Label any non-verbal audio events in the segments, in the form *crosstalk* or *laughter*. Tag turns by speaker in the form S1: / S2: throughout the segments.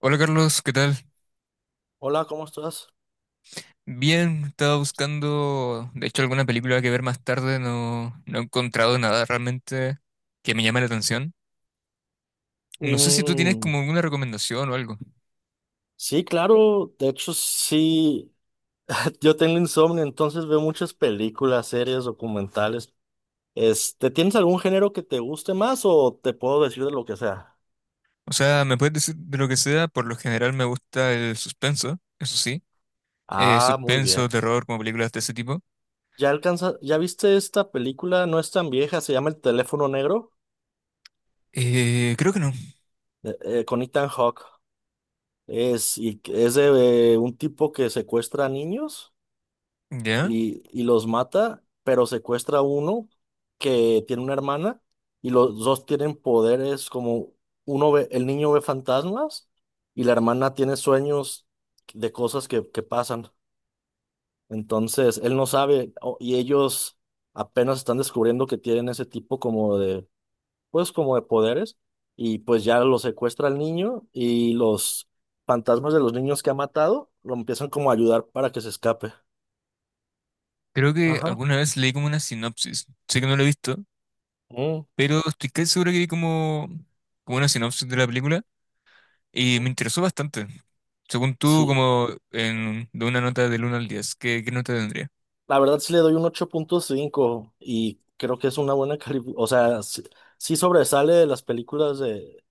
S1: Hola Carlos, ¿qué tal?
S2: Hola, ¿cómo estás?
S1: Bien, estaba buscando, de hecho, alguna película que ver más tarde, no, no he encontrado nada realmente que me llame la atención. No sé si tú tienes como
S2: Mm,
S1: alguna recomendación o algo.
S2: sí, claro, de hecho sí, *laughs* yo tengo insomnio, entonces veo muchas películas, series, documentales. Este, ¿tienes algún género que te guste más o te puedo decir de lo que sea?
S1: O sea, me puedes decir de lo que sea, por lo general me gusta el suspenso, eso sí.
S2: Ah, muy
S1: Suspenso,
S2: bien.
S1: terror, como películas de ese tipo.
S2: Ya viste esta película? No es tan vieja, se llama El teléfono negro,
S1: Creo que no,
S2: con Ethan Hawke. Y es de un tipo que secuestra a niños.
S1: ¿ya?
S2: Y los mata, pero secuestra a uno que tiene una hermana, y los dos tienen poderes como uno ve, el niño ve fantasmas y la hermana tiene sueños de cosas que pasan. Entonces, él no sabe y ellos apenas están descubriendo que tienen ese tipo como de, pues como de poderes, y pues ya lo secuestra al niño y los fantasmas de los niños que ha matado lo empiezan como a ayudar para que se escape.
S1: Creo que
S2: Ajá.
S1: alguna vez leí como una sinopsis, sé que no lo he visto,
S2: Mm.
S1: pero estoy casi seguro que vi como, como una sinopsis de la película. Y me interesó bastante. Según tú,
S2: Sí,
S1: como en, de una nota del 1 al 10, ¿qué, qué nota tendría?
S2: la verdad sí le doy un 8.5 y creo que es una buena *laughs* calificación. O sea, sí, sí sobresale de las películas de,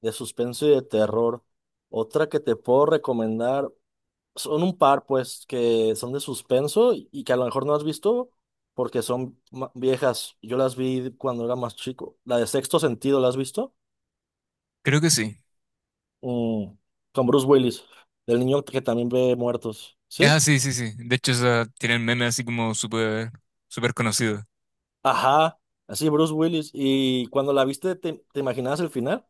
S2: de suspenso y de terror. Otra que te puedo recomendar, son un par, pues, que son de suspenso y que a lo mejor no has visto porque son viejas. Yo las vi cuando era más chico. La de Sexto Sentido, ¿la has visto?
S1: Creo que sí.
S2: Mm, con Bruce Willis, del niño que también ve muertos.
S1: Ah,
S2: ¿Sí?
S1: sí, sí, sí. De hecho, esa tiene el meme así como súper conocido.
S2: Ajá, así Bruce Willis. Y cuando la viste, ¿te imaginabas el final?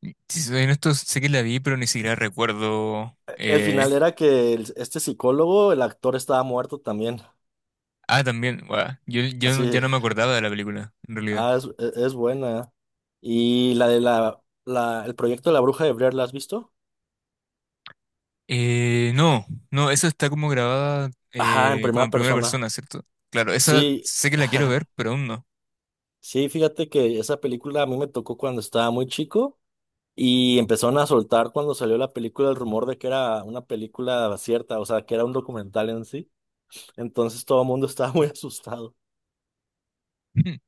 S1: Y si soy honesto, sé que la vi, pero ni siquiera recuerdo.
S2: El
S1: eh,
S2: final era que este psicólogo, el actor estaba muerto también.
S1: Ah, también, guau. Yo no- Ya
S2: Así,
S1: no me acordaba de la película, en realidad.
S2: ah, es, es buena. Y la de el proyecto de la bruja de Blair, ¿la has visto?
S1: No, no, esa está como grabada
S2: Ajá, en
S1: como en
S2: primera
S1: primera
S2: persona.
S1: persona, ¿cierto? Claro, esa
S2: Sí,
S1: sé que la quiero ver,
S2: *laughs*
S1: pero aún no.
S2: sí, fíjate que esa película a mí me tocó cuando estaba muy chico y empezaron a soltar, cuando salió la película, el rumor de que era una película cierta, o sea, que era un documental en sí. Entonces todo el mundo *laughs* estaba muy asustado.
S1: *laughs*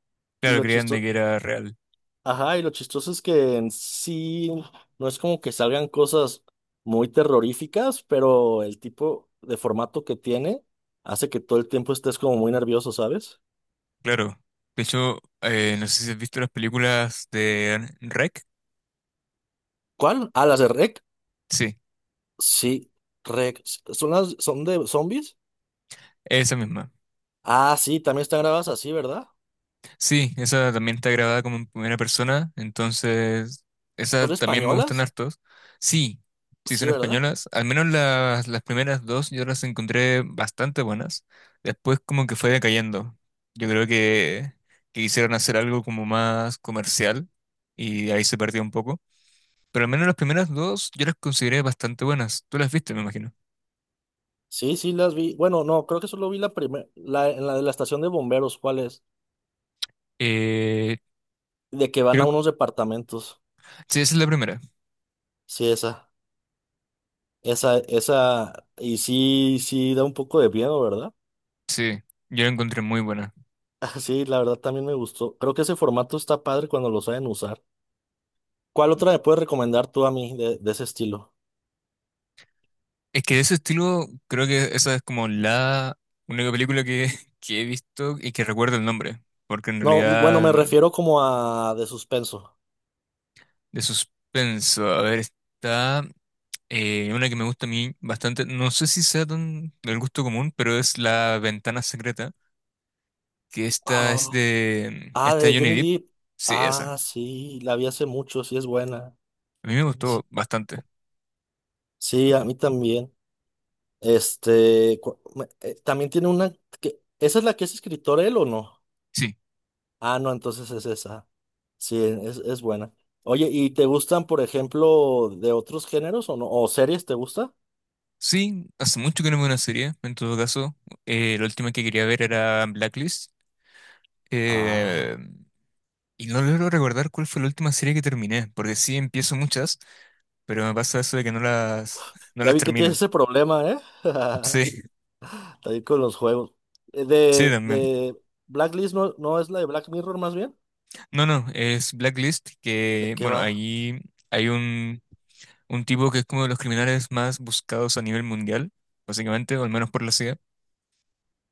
S2: Y
S1: Claro,
S2: lo
S1: creían de
S2: chistoso,
S1: que era real.
S2: ajá, y lo chistoso es que en sí no es como que salgan cosas muy terroríficas, pero el tipo de formato que tiene hace que todo el tiempo estés como muy nervioso, ¿sabes?
S1: Claro, de hecho, no sé si has visto las películas de REC.
S2: ¿Cuál? Ah, las de REC.
S1: Sí,
S2: Sí, REC. ¿Son de zombies?
S1: esa misma.
S2: Ah, sí, también están grabadas así, ¿verdad?
S1: Sí, esa también está grabada como en primera persona, entonces
S2: ¿Son
S1: esas también me gustan
S2: españolas?
S1: hartos. Sí, sí son
S2: Sí, ¿verdad?
S1: españolas, al menos las primeras dos yo las encontré bastante buenas. Después como que fue decayendo. Yo creo que quisieron hacer algo como más comercial y ahí se perdió un poco. Pero al menos las primeras dos yo las consideré bastante buenas. Tú las viste, me imagino.
S2: Sí, sí, las vi. Bueno, no, creo que solo vi la primera, en la de la estación de bomberos, ¿cuál es?
S1: Eh,
S2: De que van a
S1: creo,
S2: unos departamentos.
S1: sí, esa es la primera.
S2: Sí, esa. Esa, y sí, sí da un poco de miedo, ¿verdad?
S1: Sí, yo la encontré muy buena.
S2: *laughs* Sí, la verdad también me gustó. Creo que ese formato está padre cuando lo saben usar. ¿Cuál otra me puedes recomendar tú a mí de ese estilo?
S1: Es que de ese estilo, creo que esa es como la única película *laughs* que he visto y que recuerdo el nombre. Porque en
S2: No, bueno, me
S1: realidad,
S2: refiero como a de suspenso.
S1: de suspenso, a ver, está una que me gusta a mí bastante. No sé si sea tan del gusto común, pero es La Ventana Secreta, que esta es
S2: Oh,
S1: de,
S2: ah,
S1: esta de
S2: de
S1: Johnny
S2: Johnny
S1: Depp.
S2: Depp.
S1: Sí, esa.
S2: Ah, sí, la vi hace mucho, sí es buena.
S1: A mí me
S2: Sí,
S1: gustó bastante.
S2: sí, a mí también. Este, también tiene una que, ¿esa es la que es escritor él o no?
S1: Sí.
S2: Ah, no, entonces es esa. Sí, es buena. Oye, ¿y te gustan, por ejemplo, de otros géneros o no? ¿O series te gusta?
S1: Sí, hace mucho que no veo una serie, en todo caso. La última que quería ver era Blacklist. eh,
S2: Ah,
S1: y no logro recordar cuál fue la última serie que terminé, porque sí empiezo muchas, pero me pasa eso de que no *laughs* no
S2: ya
S1: las
S2: vi que tienes
S1: termino.
S2: ese problema, ¿eh? *laughs*
S1: Sí,
S2: También con los juegos.
S1: sí, también.
S2: De Blacklist no, no es la de Black Mirror más bien.
S1: No, no, es Blacklist,
S2: ¿De
S1: que,
S2: qué
S1: bueno,
S2: va?
S1: ahí hay un, un tipo que es como de los criminales más buscados a nivel mundial, básicamente, o al menos por la CIA,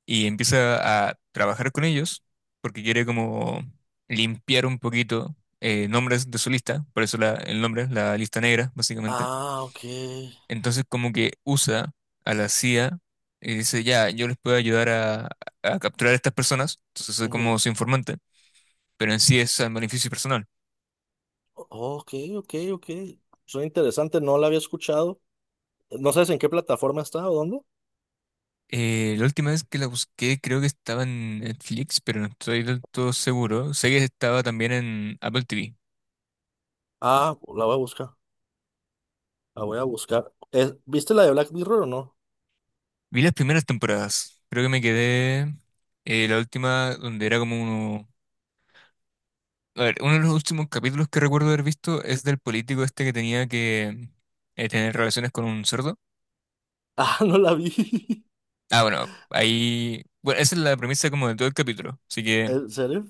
S1: y empieza a trabajar con ellos porque quiere como limpiar un poquito nombres de su lista, por eso el nombre es la lista negra, básicamente.
S2: Ah, ok.
S1: Entonces como que usa a la CIA y dice, ya, yo les puedo ayudar a capturar a estas personas, entonces soy
S2: Ujú.
S1: como su informante, pero en sí es al beneficio personal.
S2: O- Ok, ok, ok. Suena interesante, no la había escuchado. No sabes en qué plataforma está o dónde.
S1: La última vez que la busqué creo que estaba en Netflix, pero no estoy del todo seguro. Sé que estaba también en Apple TV.
S2: Ah, la voy a buscar. La voy a buscar. ¿Viste la de Black Mirror o no? *laughs*
S1: Vi las primeras temporadas. Creo que me quedé la última donde era como uno... A ver, uno de los últimos capítulos que recuerdo haber visto es del político este que tenía que tener relaciones con un cerdo.
S2: Ah, no la vi. *laughs*
S1: Ah, bueno, ahí... Bueno, esa es la premisa como de todo el capítulo. Así que
S2: ¿En serio?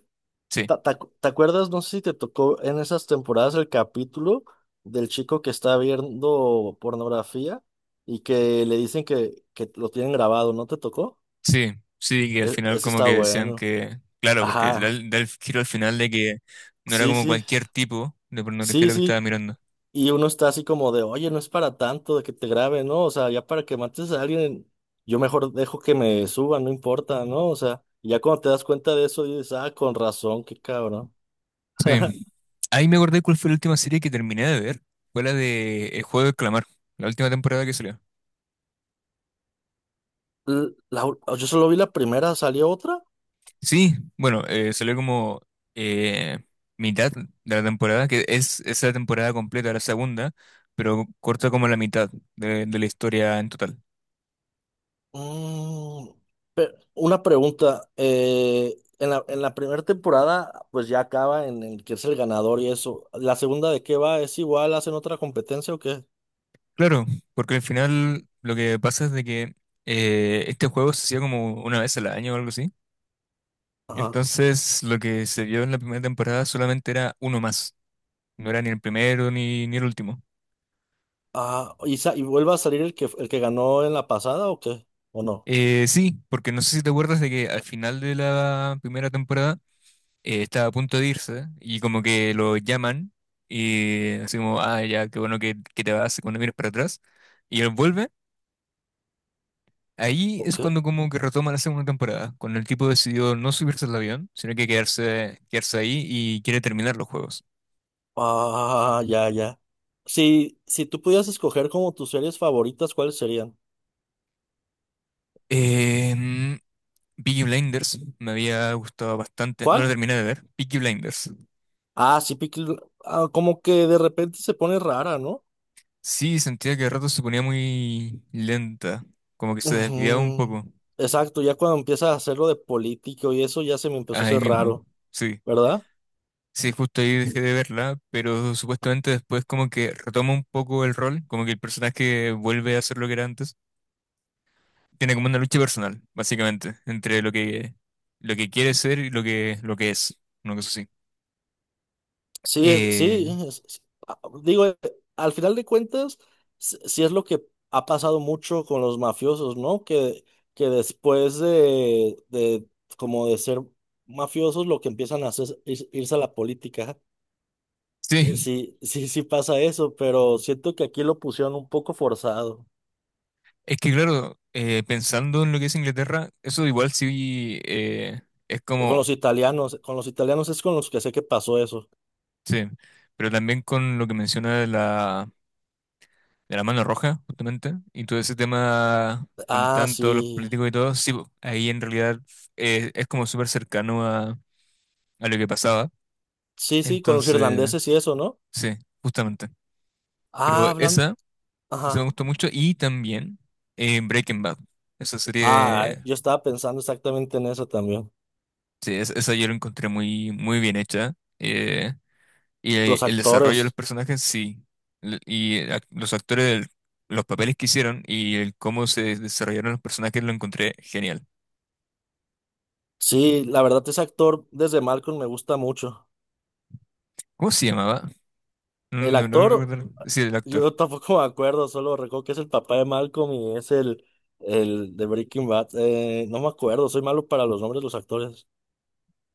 S1: sí,
S2: ¿Te te acuerdas? No sé si te tocó en esas temporadas el capítulo del chico que está viendo pornografía y que le dicen que lo tienen grabado, ¿no te tocó?
S1: sí, sí, que al final
S2: Ese
S1: como
S2: está
S1: que decían
S2: bueno.
S1: que... Claro, porque da
S2: Ajá,
S1: da el giro al final de que no era
S2: sí,
S1: como
S2: sí,
S1: cualquier tipo de pornografía
S2: sí,
S1: lo que estaba
S2: sí.
S1: mirando.
S2: Y uno está así como de, oye, no es para tanto de que te graben, ¿no? O sea, ya para que mates a alguien, yo mejor dejo que me suban, no importa, ¿no? O sea, ya cuando te das cuenta de eso, dices, ah, con razón, qué cabrón. *laughs*
S1: Sí. Ahí me acordé cuál fue la última serie que terminé de ver. Fue la de El Juego del Clamar, la última temporada que salió.
S2: Yo solo vi la primera, ¿salió otra?
S1: Sí, bueno, salió como eh, mitad de la temporada, que es esa temporada completa, la segunda, pero corta como la mitad de la historia en total.
S2: Mm, una pregunta. En la primera temporada, pues ya acaba en el que es el ganador y eso. ¿La segunda de qué va? ¿Es igual? ¿Hacen otra competencia o qué?
S1: Claro, porque al final lo que pasa es de que este juego se hacía como una vez al año o algo así.
S2: Ajá.
S1: Entonces lo que se vio en la primera temporada solamente era uno más. No era ni el primero ni el último.
S2: Ah, ¿y, y vuelve a salir el que ganó en la pasada o qué? ¿O no?
S1: Sí, porque no sé si te acuerdas de que al final de la primera temporada estaba a punto de irse y como que lo llaman y así como, ah, ya, qué bueno que te vas cuando vienes para atrás. Y él vuelve, ahí
S2: ¿O
S1: es
S2: qué?
S1: cuando como que retoma la segunda temporada, cuando el tipo decidió no subirse al avión, sino que quedarse, quedarse ahí y quiere terminar los juegos.
S2: Ah, ya, ya. Si tú pudieras escoger como tus series favoritas, ¿cuáles serían?
S1: Eh, Peaky Blinders me había gustado bastante, no lo
S2: ¿Cuál?
S1: terminé de ver, Peaky Blinders.
S2: Ah, sí, como que de repente se pone rara, ¿no?
S1: Sí, sentía que de rato se ponía muy lenta, como que se desviaba un
S2: Ujú.
S1: poco,
S2: Exacto, ya cuando empiezas a hacerlo de político y eso ya se me empezó a
S1: ahí
S2: hacer
S1: mismo,
S2: raro,
S1: sí.
S2: ¿verdad?
S1: Sí, justo ahí dejé de verla, pero supuestamente después como que retoma un poco el rol, como que el personaje vuelve a ser lo que era antes. Tiene como una lucha personal, básicamente, entre lo que quiere ser y lo que es, una cosa así.
S2: Sí, es-
S1: Eh,
S2: sí, es- es- a- digo, eh, al final de cuentas, sí es lo que ha pasado mucho con los mafiosos, ¿no? Que después como de ser mafiosos, lo que empiezan a hacer es irse a la política.
S1: sí,
S2: Sí, sí, sí pasa eso, pero siento que aquí lo pusieron un poco forzado.
S1: es que claro, pensando en lo que es Inglaterra, eso igual sí es como
S2: Con los italianos es con los que sé que pasó eso.
S1: sí, pero también con lo que menciona de de la mano roja, justamente, y todo ese tema donde
S2: Ah,
S1: están todos los
S2: sí.
S1: políticos y todo, sí, po, ahí en realidad es como súper cercano a lo que pasaba.
S2: Sí, sí, con los
S1: Entonces,
S2: irlandeses y eso, ¿no?
S1: sí, justamente. Pero
S2: Ah, hablan.
S1: esa me
S2: Ajá.
S1: gustó mucho, y también Breaking Bad, esa
S2: Ah,
S1: serie,
S2: yo estaba pensando exactamente en eso también.
S1: sí, esa yo la encontré muy, muy bien hecha. Eh, Y
S2: Los
S1: el desarrollo de los
S2: actores.
S1: personajes sí, los actores, los papeles que hicieron y el cómo se desarrollaron los personajes lo encontré genial.
S2: Sí, la verdad, ese actor desde Malcolm me gusta mucho.
S1: ¿Cómo se llamaba? No,
S2: El
S1: no, no
S2: actor,
S1: recuerdo. Sí, el actor.
S2: yo *laughs* tampoco me acuerdo, solo recuerdo que es el papá de Malcolm y es el de Breaking Bad. No me acuerdo, soy malo para los nombres de los actores.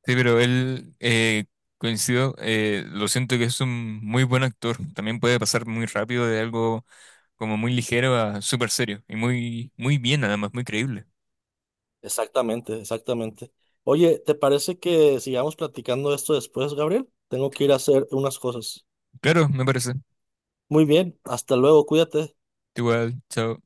S1: Sí, pero él, coincido, lo siento que es un muy buen actor. También puede pasar muy rápido de algo como muy ligero a súper serio. Y muy, muy bien, además, muy creíble.
S2: Exactamente, exactamente. Oye, ¿te parece que sigamos platicando esto después, Gabriel? Tengo que ir a hacer unas cosas.
S1: Claro, me parece.
S2: Muy bien, hasta luego, cuídate.
S1: Igual, chao.